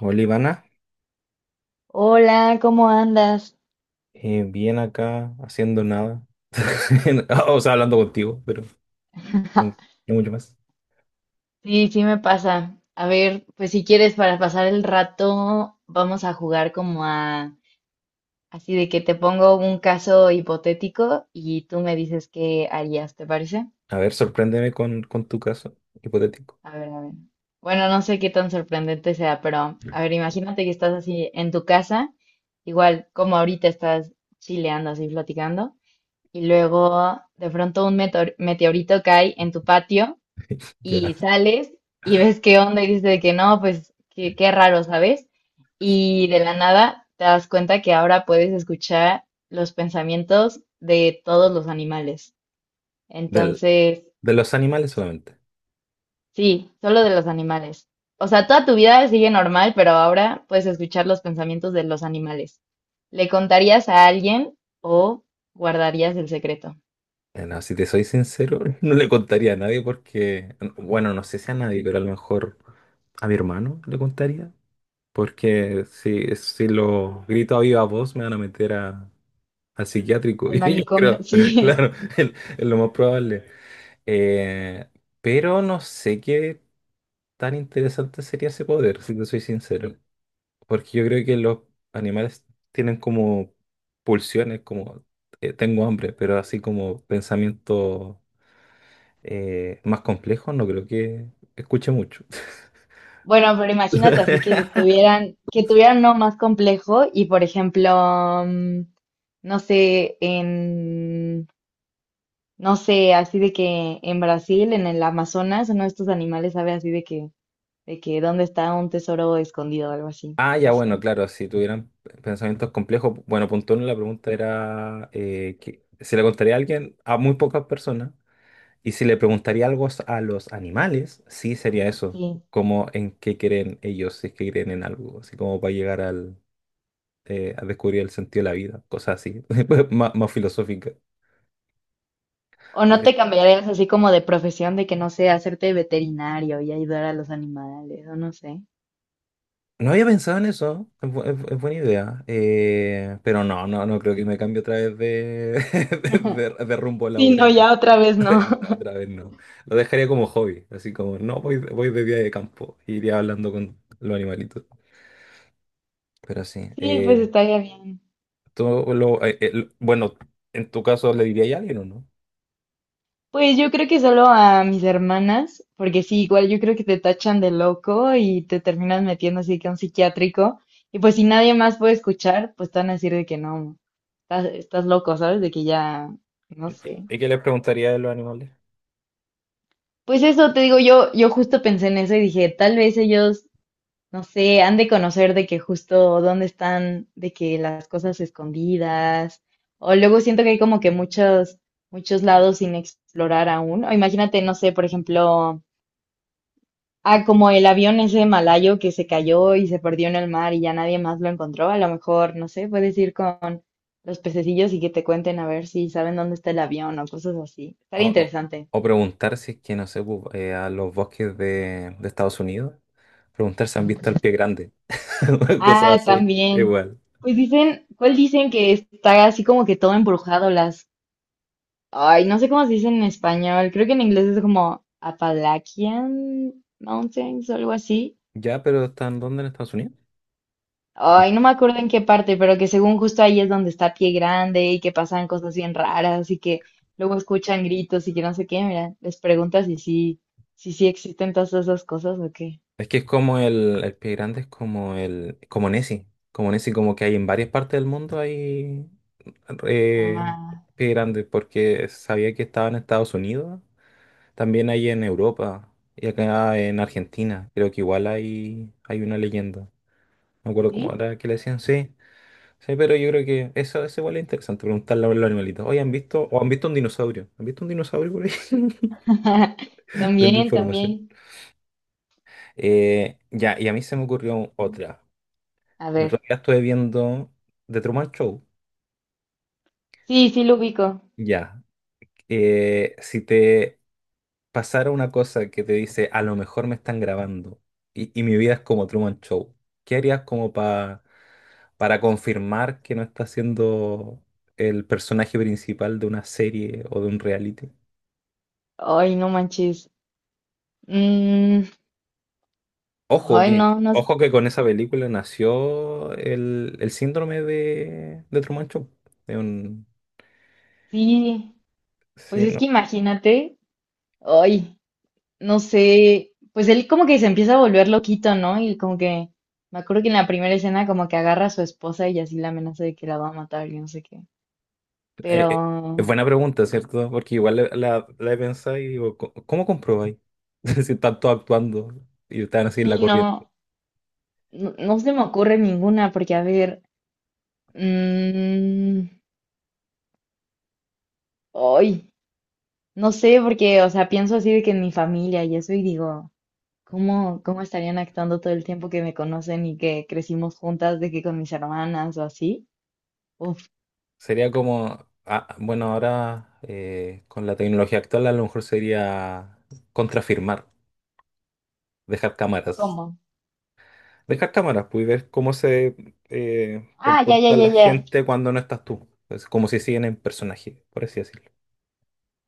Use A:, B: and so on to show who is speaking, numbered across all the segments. A: Hola, Ivana.
B: Hola, ¿cómo andas?
A: Bien acá haciendo nada. O sea, hablando contigo, pero no, no mucho más.
B: Sí, sí me pasa. A ver, pues si quieres para pasar el rato, vamos a jugar como a así de que te pongo un caso hipotético y tú me dices qué harías, ¿te parece?
A: A ver, sorpréndeme con, tu caso hipotético.
B: A ver, a ver. Bueno, no sé qué tan sorprendente sea, pero a ver, imagínate que estás así en tu casa, igual como ahorita estás chileando así platicando, y luego de pronto un meteorito cae en tu patio.
A: Ya.
B: Y sales y ves qué onda y dices de que no, pues qué, qué raro, ¿sabes? Y de la nada te das cuenta que ahora puedes escuchar los pensamientos de todos los animales.
A: Del-
B: Entonces,
A: de los animales solamente.
B: sí, solo de los animales. O sea, toda tu vida sigue normal, pero ahora puedes escuchar los pensamientos de los animales. ¿Le contarías a alguien o guardarías el secreto?
A: No, si te soy sincero, no le contaría a nadie porque, bueno, no sé si a nadie, pero a lo mejor a mi hermano le contaría, porque si lo grito a viva voz me van a meter al psiquiátrico,
B: El
A: y yo
B: manicomio,
A: creo,
B: sí.
A: claro, es es lo más probable. Eh, pero no sé qué tan interesante sería ese poder, si te soy sincero. Porque yo creo que los animales tienen como pulsiones, como tengo hambre, pero así como pensamiento más complejo, no creo que escuche mucho.
B: Bueno, pero imagínate así que tuvieran uno más complejo y, por ejemplo, no sé, en, no sé, así de que en Brasil, en el Amazonas, uno de estos animales sabe así de que dónde está un tesoro escondido o algo así,
A: Ah,
B: no
A: ya, bueno,
B: sé.
A: claro, si tuvieran pensamientos complejos, bueno, punto uno, la pregunta era que se le contaría a alguien, a muy pocas personas. Y si le preguntaría algo a los animales, sí sería eso,
B: Sí.
A: como en qué creen ellos, si es que creen en algo, así como para llegar a descubrir el sentido de la vida, cosas así, más filosófica.
B: ¿O
A: Yo
B: no
A: creo-
B: te cambiarías así como de profesión de que no sé, hacerte veterinario y ayudar a los animales, o no sé?
A: No había pensado en eso, es buena idea, pero no creo que me cambie otra vez de, de, de rumbo
B: Sí, no,
A: laboral.
B: ya otra vez no.
A: No, otra vez no. Lo dejaría como hobby, así como, no, voy de día de campo, iría hablando con los animalitos. Pero sí.
B: Sí, pues estaría bien.
A: Tú bueno, en tu caso, ¿le diría a alguien o no?
B: Pues yo creo que solo a mis hermanas, porque sí, igual yo creo que te tachan de loco y te terminas metiendo así que a un psiquiátrico. Y pues si nadie más puede escuchar, pues te van a decir de que no, estás, estás loco, ¿sabes? De que ya, no sé.
A: ¿Y qué le preguntaría de los animales?
B: Pues eso te digo, yo justo pensé en eso y dije, tal vez ellos, no sé, han de conocer de que justo dónde están, de que las cosas escondidas. O luego siento que hay como que muchos, muchos lados sin explorar aún. O imagínate, no sé, por ejemplo. Ah, como el avión ese malayo que se cayó y se perdió en el mar y ya nadie más lo encontró. A lo mejor, no sé, puedes ir con los pececillos y que te cuenten a ver si saben dónde está el avión o cosas así.
A: O,
B: Estaría
A: o-
B: interesante.
A: o preguntar si es que, no sé, a los bosques de Estados Unidos, preguntar si han visto al pie grande, cosas
B: Ah,
A: así,
B: también.
A: igual.
B: Pues dicen, ¿cuál dicen que está así como que todo embrujado? Las, ay, no sé cómo se dice en español. Creo que en inglés es como Appalachian Mountains o algo así.
A: Ya, pero ¿están dónde en Estados Unidos? Mm.
B: Ay, no me acuerdo en qué parte, pero que según justo ahí es donde está Pie Grande y que pasan cosas bien raras y que luego escuchan gritos y que no sé qué. Mira, les preguntas si sí, si sí existen todas esas cosas o qué.
A: Es que es como el pie grande, es como como Nessie, como que hay en varias partes del mundo hay eh,
B: Ah,
A: pie grande, porque sabía que estaba en Estados Unidos. También hay en Europa y acá en Argentina. Creo que igual hay una leyenda. No me acuerdo cómo
B: ¿sí?
A: era que le decían, sí. Sí, pero yo creo que eso, igual es interesante preguntarle a los animalitos. Oye, han visto un dinosaurio? ¿Han visto un dinosaurio por ahí? Denme
B: También,
A: información.
B: también.
A: Ya, y a mí se me ocurrió otra.
B: A
A: El otro
B: ver.
A: día estuve viendo The Truman Show.
B: Sí, sí lo ubico.
A: Ya. Si te pasara una cosa que te dice, a lo mejor me están grabando y, mi vida es como Truman Show, ¿qué harías como para confirmar que no estás siendo el personaje principal de una serie o de un reality?
B: Ay, no manches. Mm,
A: Ojo
B: ay,
A: que,
B: no, no.
A: Ojo que con esa película nació el síndrome de Truman Show. Es un-
B: Sí. Pues
A: sí,
B: es
A: no,
B: que imagínate. Ay. No sé, pues él como que se empieza a volver loquito, ¿no? Y como que, me acuerdo que en la primera escena como que agarra a su esposa y así la amenaza de que la va a matar y no sé qué.
A: eh, eh, es
B: Pero
A: buena pregunta, ¿cierto? Porque igual la he pensado y digo, ¿Cómo comprobáis si están todos actuando y están así en la
B: sí,
A: corriente?"
B: no, no, no se me ocurre ninguna porque, a ver, mm, ay, no sé, porque, o sea, pienso así de que en mi familia y eso y digo, ¿cómo, cómo estarían actuando todo el tiempo que me conocen y que crecimos juntas, de que con mis hermanas o así? Uf.
A: Sería como, ah, bueno, ahora con la tecnología actual a lo mejor sería contrafirmar, dejar cámaras.
B: ¿Cómo?
A: Dejar cámaras, pues, y ver cómo se
B: Ah, ya, ya,
A: comporta
B: ya,
A: la
B: ya.
A: gente cuando no estás tú. Es como si siguen en personaje, por así decirlo.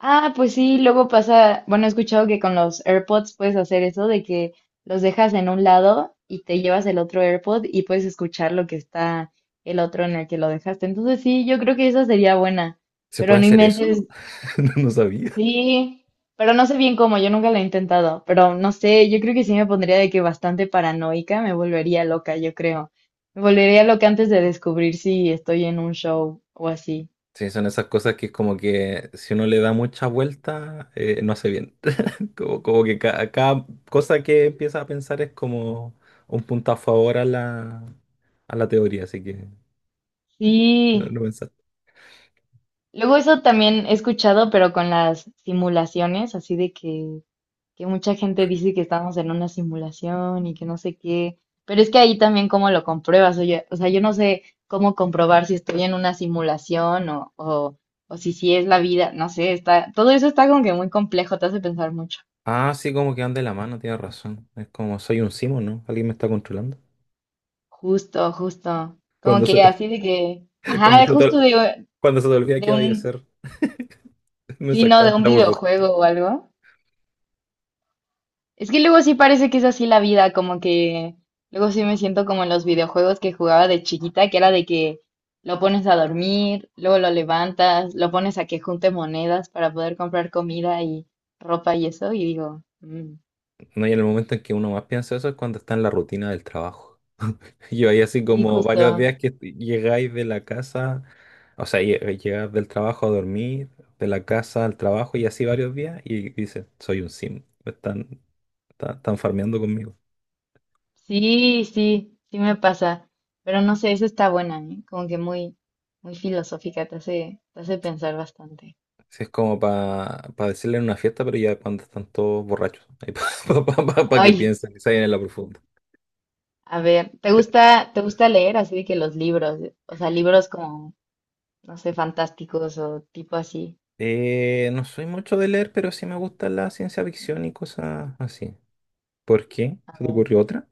B: Ah, pues sí, luego pasa, bueno, he escuchado que con los AirPods puedes hacer eso de que los dejas en un lado y te llevas el otro AirPod y puedes escuchar lo que está el otro en el que lo dejaste. Entonces sí, yo creo que esa sería buena,
A: ¿Se
B: pero
A: puede
B: no
A: hacer
B: inventes,
A: eso? No, no sabía.
B: sí, pero no sé bien cómo, yo nunca lo he intentado, pero no sé, yo creo que sí me pondría de que bastante paranoica, me volvería loca, yo creo. Me volvería loca antes de descubrir si estoy en un show o así.
A: Sí, son esas cosas que como que si uno le da mucha vuelta, no hace bien. Como que cada cosa que empieza a pensar es como un punto a favor a la teoría, así que
B: Sí.
A: no pensar.
B: Luego eso también he escuchado, pero con las simulaciones, así de que mucha gente dice que estamos en una simulación y que no sé qué, pero es que ahí también cómo lo compruebas, oye, o sea, yo no sé cómo comprobar si estoy en una simulación o si sí es la vida, no sé, está, todo eso está como que muy complejo, te hace pensar mucho.
A: Ah, sí, como que anda de la mano, tienes razón. Es como soy un simo, ¿no? Alguien me está controlando.
B: Justo, justo, como
A: Cuando
B: que
A: se,
B: así de que,
A: cuando
B: ajá,
A: se
B: justo
A: te, cuando se te olvida
B: de
A: qué vaya a
B: un,
A: hacer, me
B: sí, no, de
A: sacaron de
B: un
A: la burbujita.
B: videojuego o algo. Es que luego sí parece que es así la vida, como que luego sí me siento como en los videojuegos que jugaba de chiquita, que era de que lo pones a dormir, luego lo levantas, lo pones a que junte monedas para poder comprar comida y ropa y eso, y digo, "Mm,
A: No, y en el momento en que uno más piensa eso es cuando está en la rutina del trabajo. Yo ahí así
B: sí,
A: como varios
B: justo,
A: días que llegáis de la casa. O sea, llegar del trabajo a dormir, de la casa al trabajo y así varios días y dice, soy un sim, me están farmeando conmigo.
B: sí, sí, sí me pasa, pero no sé, eso está buena, ¿eh? Como que muy, muy filosófica, te hace pensar bastante.
A: Si es como para decirle en una fiesta, pero ya cuando están todos borrachos, para que
B: Ay,
A: piensen, que se vayan en la profunda.
B: a ver, te gusta leer así de que los libros, o sea, libros como no sé, fantásticos o tipo así?
A: No soy mucho de leer, pero sí me gusta la ciencia ficción y cosas así. ¿Por qué?
B: A
A: ¿Se te
B: ver,
A: ocurrió otra?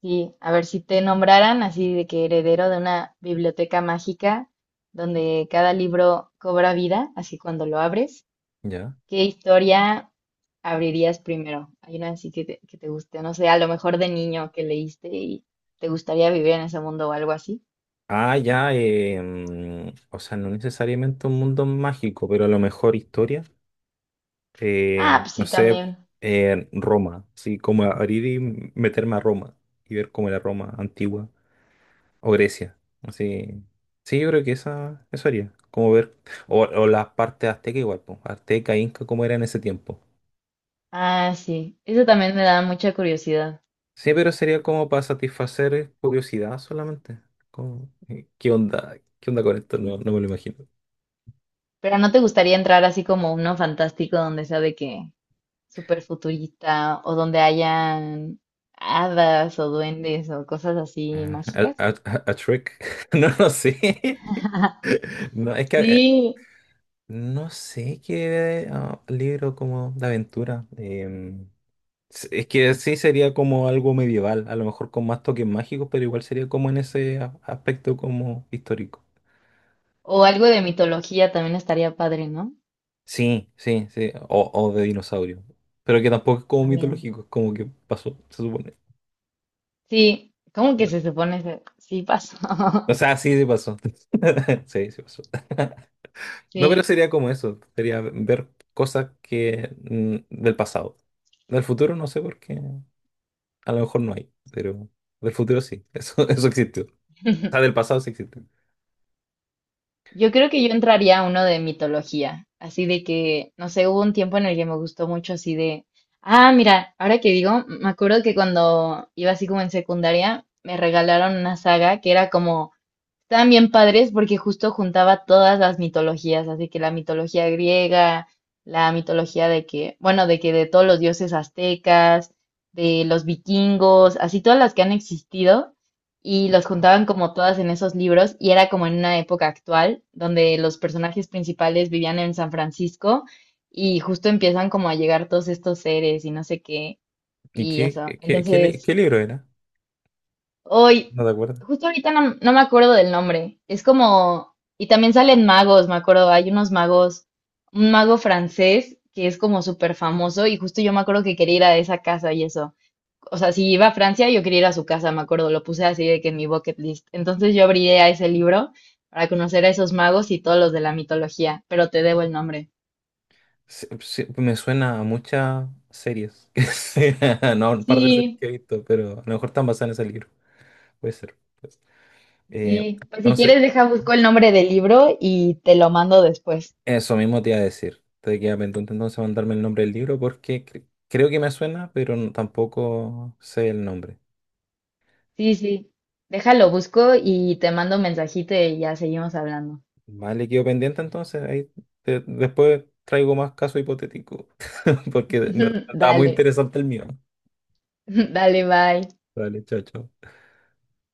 B: sí, a ver si te nombraran así de que heredero de una biblioteca mágica donde cada libro cobra vida, así cuando lo abres,
A: Ya.
B: ¿qué historia abrirías primero? Hay una así que te guste, no sé, a lo mejor de niño que leíste y te gustaría vivir en ese mundo o algo así.
A: Ah, ya, o sea, no necesariamente un mundo mágico, pero a lo mejor historia.
B: Ah, pues
A: No
B: sí,
A: sé,
B: también.
A: en Roma, así como abrir y meterme a Roma y ver cómo era Roma antigua o Grecia, así. Sí, yo creo que esa, eso haría, como ver, o las partes azteca igual, pues, azteca, inca, cómo era en ese tiempo.
B: Ah, sí, eso también me da mucha curiosidad.
A: Sí, pero sería como para satisfacer curiosidad solamente. Como, ¿qué onda? ¿Qué onda con esto? No, no me lo imagino.
B: Pero ¿no te gustaría entrar así como uno fantástico donde sea de que súper futurista o donde hayan hadas o duendes o cosas así
A: Ah,
B: mágicas?
A: a trick. No, no sé. No, es que
B: Sí,
A: no sé qué libro como de aventura. Es que sí sería como algo medieval, a lo mejor con más toques mágicos, pero igual sería como en ese aspecto como histórico.
B: o algo de mitología también estaría padre, ¿no?
A: Sí, sí, sí. O de dinosaurio. Pero que tampoco es como
B: También.
A: mitológico, es como que pasó, se supone.
B: Sí, ¿cómo que
A: Pero-
B: se supone? Ese- sí, pasó.
A: o sea, sí, sí pasó. Sí, sí pasó. No, pero
B: Sí,
A: sería como eso. Sería ver cosas que del pasado. Del futuro no sé por qué. A lo mejor no hay, pero del futuro sí. Eso, eso existió. O sea, del pasado sí existe.
B: yo creo que yo entraría a uno de mitología, así de que, no sé, hubo un tiempo en el que me gustó mucho así de, ah, mira, ahora que digo, me acuerdo que cuando iba así como en secundaria, me regalaron una saga que era como. Estaban bien padres porque justo juntaba todas las mitologías, así que la mitología griega, la mitología de que, bueno, de que de todos los dioses aztecas, de los vikingos, así todas las que han existido, y los juntaban como todas en esos libros, y era como en una época actual, donde los personajes principales vivían en San Francisco, y justo empiezan como a llegar todos estos seres y no sé qué,
A: ¿Y
B: y eso. Entonces,
A: qué libro era?
B: hoy,
A: No te acuerdas.
B: justo ahorita no, no me acuerdo del nombre. Es como, y también salen magos, me acuerdo, hay unos magos, un mago francés que es como súper famoso y justo yo me acuerdo que quería ir a esa casa y eso. O sea, si iba a Francia, yo quería ir a su casa, me acuerdo, lo puse así de que en mi bucket list. Entonces yo abrí a ese libro para conocer a esos magos y todos los de la mitología, pero te debo el nombre.
A: Me suena a muchas series. No, un par de series
B: Sí,
A: que he visto, pero a lo mejor están basadas en ese libro. Puede ser, pues. Eh,
B: sí. Pues si
A: entonces,
B: quieres, deja, busco el nombre del libro y te lo mando después.
A: eso mismo te iba a decir. Te queda pendiente entonces mandarme el nombre del libro porque creo que me suena, pero tampoco sé el nombre.
B: Sí, sí. Déjalo, busco y te mando un mensajito y ya seguimos hablando.
A: Vale, quedo pendiente entonces. Ahí después traigo más casos hipotéticos. Porque no estaba muy
B: Dale,
A: interesante el mío.
B: dale, bye.
A: Vale, chao, chao.